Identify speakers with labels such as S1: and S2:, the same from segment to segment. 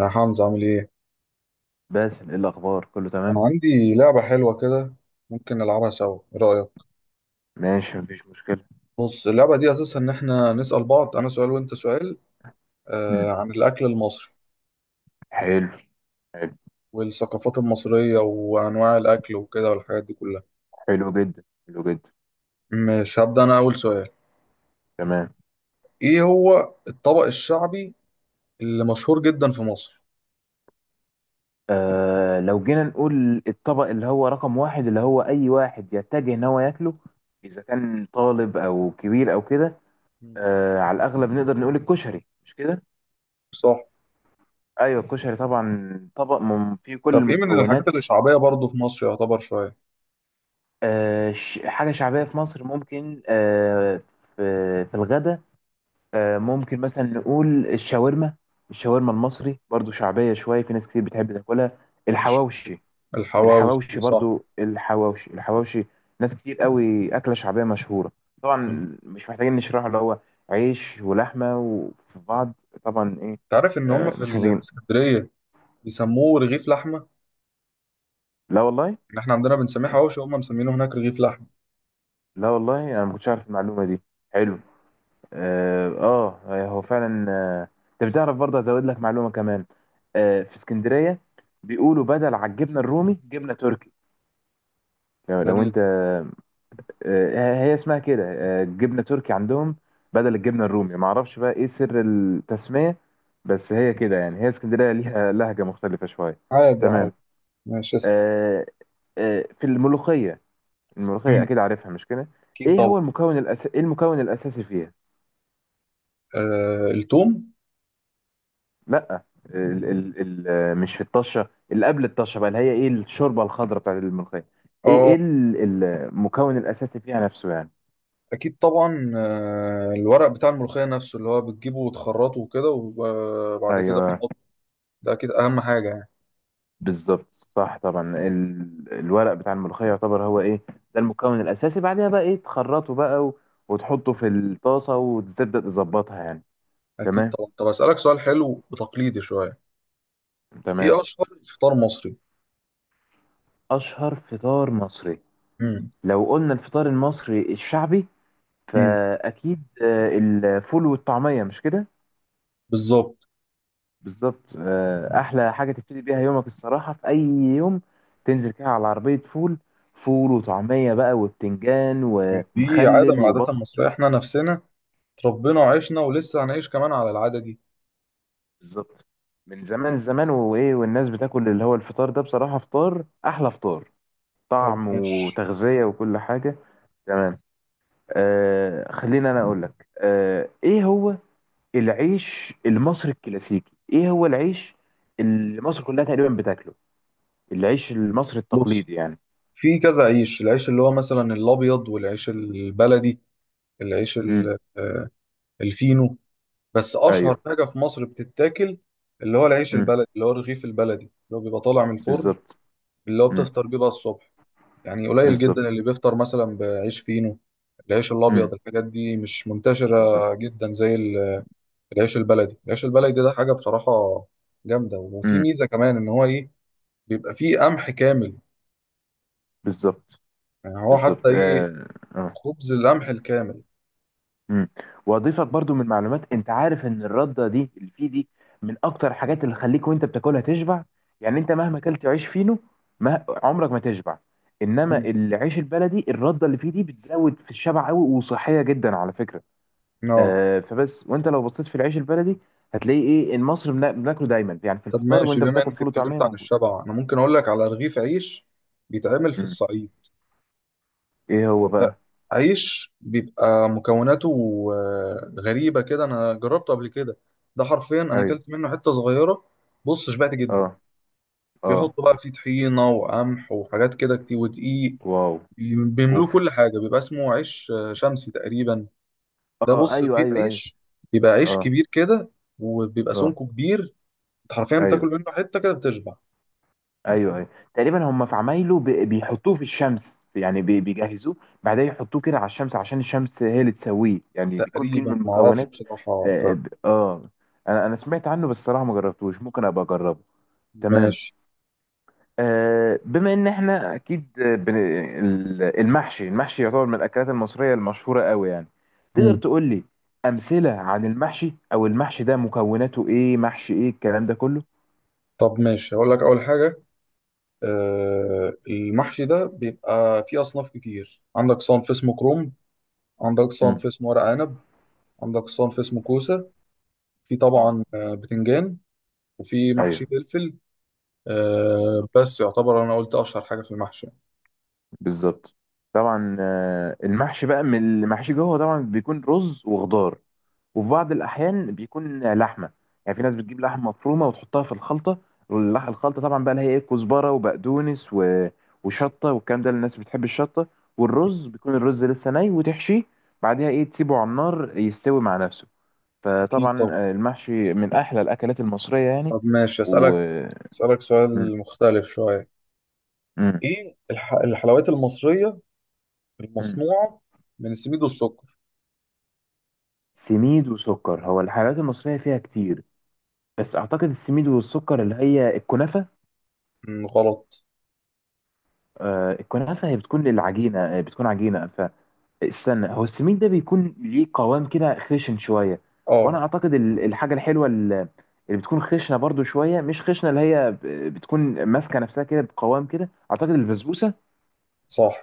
S1: يا حمزة عامل ايه؟
S2: باسل، ايه الاخبار؟ كله
S1: كان
S2: تمام؟
S1: عندي لعبة حلوة كده، ممكن نلعبها سوا، ايه رأيك؟
S2: ماشي، مفيش مشكله.
S1: بص اللعبة دي أساسها إن احنا نسأل بعض، أنا سؤال وأنت سؤال،
S2: مم.
S1: عن الأكل المصري
S2: حلو. حلو.
S1: والثقافات المصرية وأنواع الأكل وكده والحاجات دي كلها.
S2: حلو جدا، حلو جدا.
S1: مش هبدأ أنا أول سؤال.
S2: تمام.
S1: ايه هو الطبق الشعبي اللي مشهور جدا في مصر؟
S2: لو جينا نقول الطبق اللي هو رقم واحد، اللي هو اي واحد يتجه ان هو ياكله اذا كان طالب او كبير او كده.
S1: مم.
S2: على الاغلب نقدر نقول الكشري، مش كده؟
S1: صح.
S2: ايوه، الكشري طبعا طبق فيه كل
S1: طب ايه من الحاجات
S2: المكونات.
S1: اللي شعبية برضه في مصر يعتبر شوية؟
S2: حاجه شعبيه في مصر، ممكن. في في الغدا. ممكن مثلا نقول الشاورما. الشاورما المصري برضو شعبية، شوية في ناس كتير بتحب تاكلها.
S1: ماشي.
S2: الحواوشي. الحواوشي
S1: الحواوشي صح.
S2: برضو، الحواوشي الحواوشي، ناس كتير قوي، أكلة شعبية مشهورة.
S1: مم.
S2: طبعا مش محتاجين نشرحه، اللي هو عيش ولحمة وفي بعض. طبعا، إيه.
S1: تعرف إن هما
S2: مش
S1: في
S2: محتاجين.
S1: اسكندرية بيسموه رغيف لحمة؟
S2: لا والله.
S1: إن إحنا عندنا بنسميه حواوشي وهم مسمينه هناك رغيف لحمة.
S2: لا والله، أنا ما كنتش عارف المعلومة دي. حلو. اه، آه، هو فعلا، انت بتعرف، برضه ازود لك معلومه كمان. في اسكندريه، بيقولوا بدل على الجبنه الرومي جبنه تركي. لو
S1: دليل.
S2: انت. هي اسمها كده، جبنه تركي عندهم بدل الجبنه الرومي. ما اعرفش بقى ايه سر التسميه، بس هي كده يعني، هي اسكندريه ليها لهجه مختلفه شويه.
S1: عادي
S2: تمام.
S1: عادي. ماشي اسم.
S2: آه، في الملوخيه. الملوخيه،
S1: مم.
S2: اكيد عارفها مش كده؟
S1: أكيد طبعا.
S2: ايه المكون الاساسي فيها؟
S1: التوم.
S2: لا، ال ال ال مش في الطشه، اللي قبل الطشه بقى، اللي هي ايه، الشوربه الخضراء بتاعت الملوخيه. ايه
S1: اه
S2: ايه ال- المكون الاساسي فيها نفسه يعني.
S1: أكيد طبعا. الورق بتاع الملوخية نفسه اللي هو بتجيبه وتخرطه وكده وبعد كده
S2: ايوه،
S1: بتحطه، ده أكيد أهم حاجة يعني.
S2: بالظبط، صح طبعا. الورق بتاع الملوخيه يعتبر هو ايه، ده المكون الاساسي. بعدها بقى ايه، تخرطه بقى وتحطه في الطاسه وتبدا تظبطها يعني.
S1: أكيد
S2: تمام.
S1: طبعا. طب أسألك سؤال حلو وتقليدي شوية. إيه
S2: تمام.
S1: أشهر فطار مصري؟
S2: اشهر فطار مصري.
S1: مم.
S2: لو قلنا الفطار المصري الشعبي،
S1: مم.
S2: فاكيد الفول والطعميه، مش كده؟
S1: بالظبط.
S2: بالظبط. احلى حاجه تبتدي بيها يومك الصراحه في اي يوم، تنزل كده على عربيه فول، فول وطعميه بقى، وبتنجان
S1: دي عادة من
S2: ومخلل
S1: العادات
S2: وبصل.
S1: المصرية، إحنا نفسنا اتربينا وعشنا ولسه هنعيش كمان على العادة دي.
S2: بالظبط. من زمان زمان، وايه والناس بتاكل اللي هو الفطار ده، بصراحه فطار احلى فطار،
S1: طب
S2: طعم
S1: ماشي.
S2: وتغذيه وكل حاجه. تمام. خلينا انا اقول لك، ايه هو العيش المصري الكلاسيكي، ايه هو العيش اللي مصر كلها تقريبا بتاكله؟ العيش المصري
S1: بص
S2: التقليدي يعني.
S1: في كذا عيش، العيش اللي هو مثلا الابيض والعيش البلدي، العيش
S2: امم.
S1: ال- آه، الفينو. بس اشهر
S2: ايوه.
S1: حاجه في مصر بتتاكل اللي هو العيش
S2: امم.
S1: البلدي، اللي هو الرغيف البلدي اللي هو بيبقى طالع من الفرن،
S2: بالظبط.
S1: اللي هو
S2: امم.
S1: بتفطر بيه بقى الصبح. يعني قليل جدا
S2: بالظبط.
S1: اللي بيفطر مثلا بعيش فينو. العيش
S2: امم.
S1: الابيض الحاجات دي مش منتشره
S2: بالظبط.
S1: جدا العيش البلدي. العيش البلدي ده حاجه بصراحه جامده، وفي
S2: امم.
S1: ميزه كمان ان هو ايه، بيبقى فيه قمح كامل.
S2: بالظبط.
S1: يعني هو حتى
S2: بالظبط.
S1: ايه،
S2: اه. اه.
S1: خبز القمح الكامل.
S2: امم. واضيفك برضو من معلومات. انت عارف ان الرده دي اللي فيه دي، من اكتر الحاجات اللي تخليك وانت بتاكلها تشبع. يعني انت مهما اكلت عيش فينو، ما عمرك ما تشبع. انما
S1: مم.
S2: العيش البلدي، الرده اللي فيه دي بتزود في الشبع قوي، وصحيه جدا على فكره.
S1: اه.
S2: فبس، وانت لو بصيت في العيش البلدي، هتلاقي ايه، المصري بناكله دايما يعني، في
S1: طب
S2: الفطار
S1: ماشي،
S2: وانت
S1: بما
S2: بتاكل
S1: انك
S2: فول وطعميه
S1: اتكلمت عن
S2: موجود.
S1: الشبع انا ممكن اقول لك على رغيف عيش بيتعمل في
S2: امم.
S1: الصعيد.
S2: ايه هو بقى؟
S1: عيش بيبقى مكوناته غريبة كده، انا جربته قبل كده. ده حرفيا انا
S2: ايوه.
S1: اكلت منه حتة صغيرة، بص شبعت جدا.
S2: اه. اه.
S1: بيحطوا بقى فيه طحينة وقمح وحاجات كده كتير ودقيق،
S2: واو.
S1: بيملوه
S2: اوف.
S1: كل حاجة. بيبقى اسمه عيش شمسي تقريبا. ده
S2: اه،
S1: بص
S2: ايوه،
S1: رغيف
S2: ايوه، ايوه.
S1: عيش، بيبقى عيش
S2: اه.
S1: كبير كده وبيبقى
S2: اه.
S1: سمكه كبير. انت حرفيا بتاكل
S2: ايوه،
S1: منه حتة كده بتشبع.
S2: ايوه، ايوه. تقريبا هم في عمايله بيحطوه في الشمس يعني، بيجهزوه. بعدين يحطوه كده على الشمس عشان الشمس هي اللي تسويه يعني، بيكون فيه من
S1: تقريبا ما اعرفش
S2: المكونات.
S1: بصراحه
S2: اه.
S1: ده.
S2: انا سمعت عنه بس الصراحه ما جربتوش، ممكن ابقى اجربه. تمام.
S1: ماشي.
S2: بما ان احنا اكيد، المحشي المحشي يعتبر من الاكلات المصريه المشهوره قوي يعني. تقدر
S1: مم.
S2: تقول لي امثله عن المحشي، او المحشي ده مكوناته ايه، محشي ايه، الكلام ده كله.
S1: طب ماشي هقول لك اول حاجه. المحشي ده بيبقى فيه اصناف كتير. عندك صنف اسمه كروم، عندك
S2: امم.
S1: صنف اسمه ورق عنب، عندك صنف اسمه كوسه، في
S2: امم.
S1: طبعا بتنجان، وفي محشي
S2: ايوه.
S1: فلفل.
S2: بالظبط.
S1: بس يعتبر انا قلت اشهر حاجه في المحشي.
S2: بالظبط. طبعا، المحشي بقى، من المحشي جوه طبعا بيكون رز وخضار، وفي بعض الأحيان بيكون لحمة. يعني في ناس بتجيب لحمة مفرومة وتحطها في الخلطة. الخلطة طبعا بقى اللي هي إيه، كزبرة وبقدونس وشطة والكلام ده، الناس بتحب الشطة. والرز بيكون الرز لسه ني، وتحشيه بعدها إيه، تسيبه على النار يستوي مع نفسه.
S1: اكيد.
S2: فطبعا،
S1: طب
S2: المحشي من أحلى الأكلات المصرية يعني.
S1: طب ماشي،
S2: و
S1: اسالك
S2: م-
S1: سؤال مختلف شويه.
S2: م-
S1: ايه الحلويات المصريه
S2: م.
S1: المصنوعه من السميد والسكر.
S2: سميد وسكر، هو الحلويات المصرية فيها كتير، بس أعتقد السميد والسكر اللي هي الكنافة.
S1: مم، غلط.
S2: الكنافة هي بتكون العجينة، بتكون عجينة. استنى، هو السمين ده بيكون ليه قوام كده خشن شويه. وانا
S1: اه
S2: اعتقد الحاجه الحلوه اللي بتكون خشنه برضو شويه، مش خشنه، اللي هي بتكون ماسكه نفسها كده بقوام كده، اعتقد البسبوسه.
S1: صح.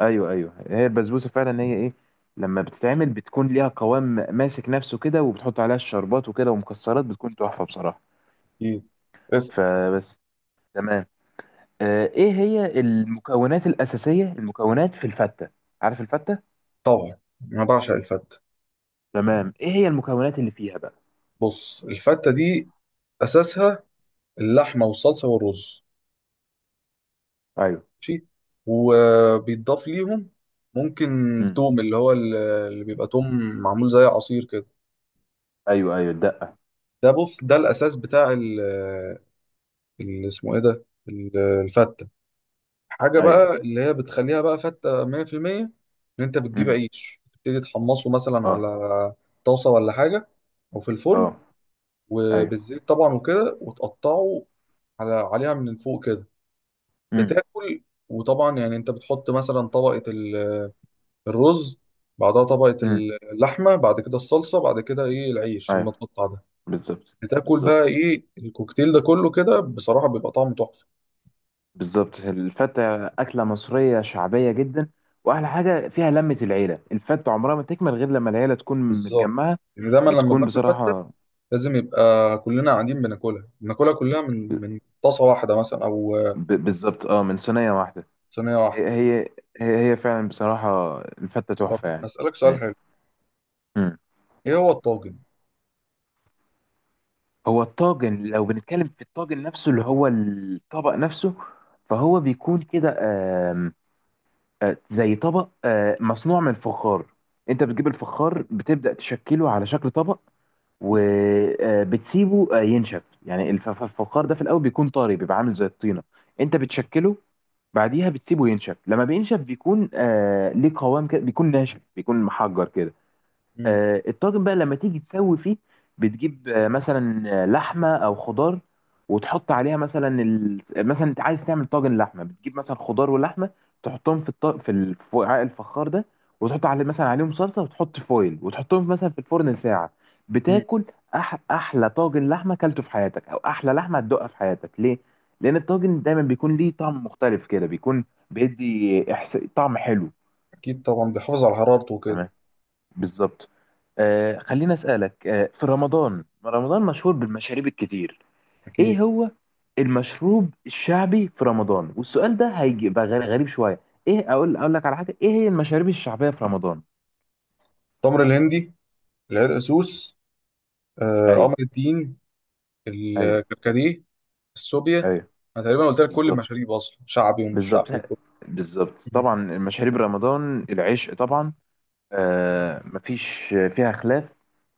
S2: ايوه، ايوه، هي البسبوسه فعلا، هي ايه، لما بتتعمل بتكون ليها قوام ماسك نفسه كده، وبتحط عليها الشربات وكده ومكسرات، بتكون تحفه بصراحه.
S1: اكيد. اسأل.
S2: فبس. تمام. ايه هي المكونات الاساسيه، المكونات في الفته. عارف الفته؟
S1: طبعا انا بعشق الفته.
S2: تمام. ايه هي المكونات اللي فيها بقى؟
S1: بص الفته دي اساسها اللحمه والصلصه والرز.
S2: ايوه.
S1: ماشي، وبيتضاف ليهم ممكن
S2: مم.
S1: توم، اللي بيبقى توم معمول زي عصير كده.
S2: ايوه، ايوه، الدقه.
S1: ده بص ده الاساس بتاع اللي اسمه ايه ده الفته. حاجه
S2: ايوه.
S1: بقى اللي هي بتخليها بقى فته 100%، ان انت بتجيب
S2: امم.
S1: عيش تبتدي تحمصه مثلا
S2: اه.
S1: على طاسه ولا حاجه او في الفرن
S2: اه. ايوه.
S1: وبالزيت طبعا وكده وتقطعه على عليها من فوق كده
S2: امم.
S1: بتاكل. وطبعا يعني انت بتحط مثلا الرز، بعدها طبقة
S2: امم.
S1: اللحمة، بعد كده الصلصة، بعد كده ايه العيش
S2: ايوه.
S1: المتقطع ده.
S2: بالظبط.
S1: بتاكل بقى
S2: بالظبط.
S1: ايه الكوكتيل ده كله كده بصراحة بيبقى طعمه تحفة.
S2: بالظبط الفته اكله مصريه شعبيه جدا. واحلى حاجه فيها لمه العيله، الفته عمرها ما تكمل غير لما العيله تكون
S1: بالظبط.
S2: متجمعه.
S1: يعني دايما لما
S2: بتكون
S1: بناكل فتة
S2: بصراحه.
S1: لازم يبقى كلنا قاعدين بناكلها كلها
S2: ب...
S1: من طاسة واحدة مثلا أو
S2: بالظبط، اه، من صينيه واحده.
S1: صينية واحدة.
S2: هي هي هي فعلا بصراحه الفته
S1: طب
S2: تحفه يعني.
S1: أسألك سؤال حلو.
S2: ماشي. امم.
S1: إيه هو الطاجن؟
S2: هو الطاجن، لو بنتكلم في الطاجن نفسه اللي هو الطبق نفسه، فهو بيكون كده. آم، زي طبق، مصنوع من فخار. انت بتجيب الفخار، بتبدأ تشكله على شكل طبق، وبتسيبه ينشف يعني، الفخار ده في الاول بيكون طري، بيبقى عامل زي الطينة. انت بتشكله. بعديها بتسيبه ينشف، لما بينشف بيكون ليه قوام كده، بيكون ناشف، بيكون محجر كده.
S1: مم.
S2: الطاجن بقى لما تيجي تسوي فيه، بتجيب مثلا لحمه او خضار، وتحط عليها مثلا مثلا انت عايز تعمل طاجن لحمه، بتجيب مثلا خضار ولحمه، تحطهم في الط... في ال- في وعاء الفخار ده، وتحط عليه مثلا، عليهم صلصه، وتحط فويل، وتحطهم مثلا في الفرن ساعه.
S1: مم.
S2: بتاكل احلى طاجن لحمه اكلته في حياتك، او احلى لحمه هتدوقها في حياتك. ليه؟ لان الطاجن دايما بيكون ليه طعم مختلف كده، بيكون بيدي طعم حلو.
S1: اكيد طبعا بيحافظ على حرارته وكده.
S2: تمام. بالظبط. خليني أسألك. في رمضان، رمضان مشهور بالمشاريب الكتير.
S1: اكيد.
S2: ايه هو المشروب الشعبي في رمضان؟ والسؤال ده هيبقى غريب شوية. ايه، اقول لك على حاجة، ايه هي المشاريب الشعبية في رمضان؟
S1: التمر الهندي، العرق سوس، قمر
S2: ايوه.
S1: الدين،
S2: ايوه.
S1: الكركديه، السوبيا.
S2: ايوه.
S1: انا تقريبا قلت لك كل
S2: بالظبط.
S1: المشاريب اصلا، شعبي ومش
S2: بالظبط.
S1: شعبي وكله.
S2: بالظبط. طبعا، مشاريب رمضان العشق طبعا. مفيش فيها خلاف.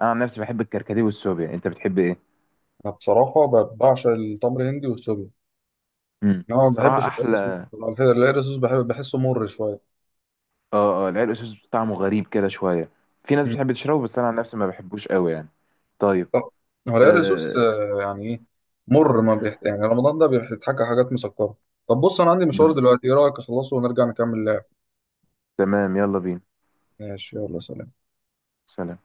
S2: انا عن نفسي بحب الكركديه والسوبيا. انت بتحب ايه؟
S1: انا بصراحه بعشق التمر الهندي والسوبيا.
S2: امم.
S1: انا ما
S2: بصراحة
S1: بحبش العرق السوس
S2: احلى.
S1: بصراحة. العرق السوس بحب بحسه مر شويه.
S2: اه، اه، العرق سوس طعمه غريب كده شويه، في ناس
S1: مم.
S2: بتحب تشربه بس انا عن نفسي ما بحبوش قوي يعني. طيب.
S1: طب، هو العرق سوس
S2: آه
S1: يعني ايه، مر ما بيحت... يعني رمضان ده بيحتاج حاجات مسكره. طب بص انا عندي مشوار
S2: بز...
S1: دلوقتي، ايه رايك اخلصه ونرجع نكمل لعب.
S2: تمام، يلا بينا.
S1: ماشي، يلا سلام.
S2: سلام.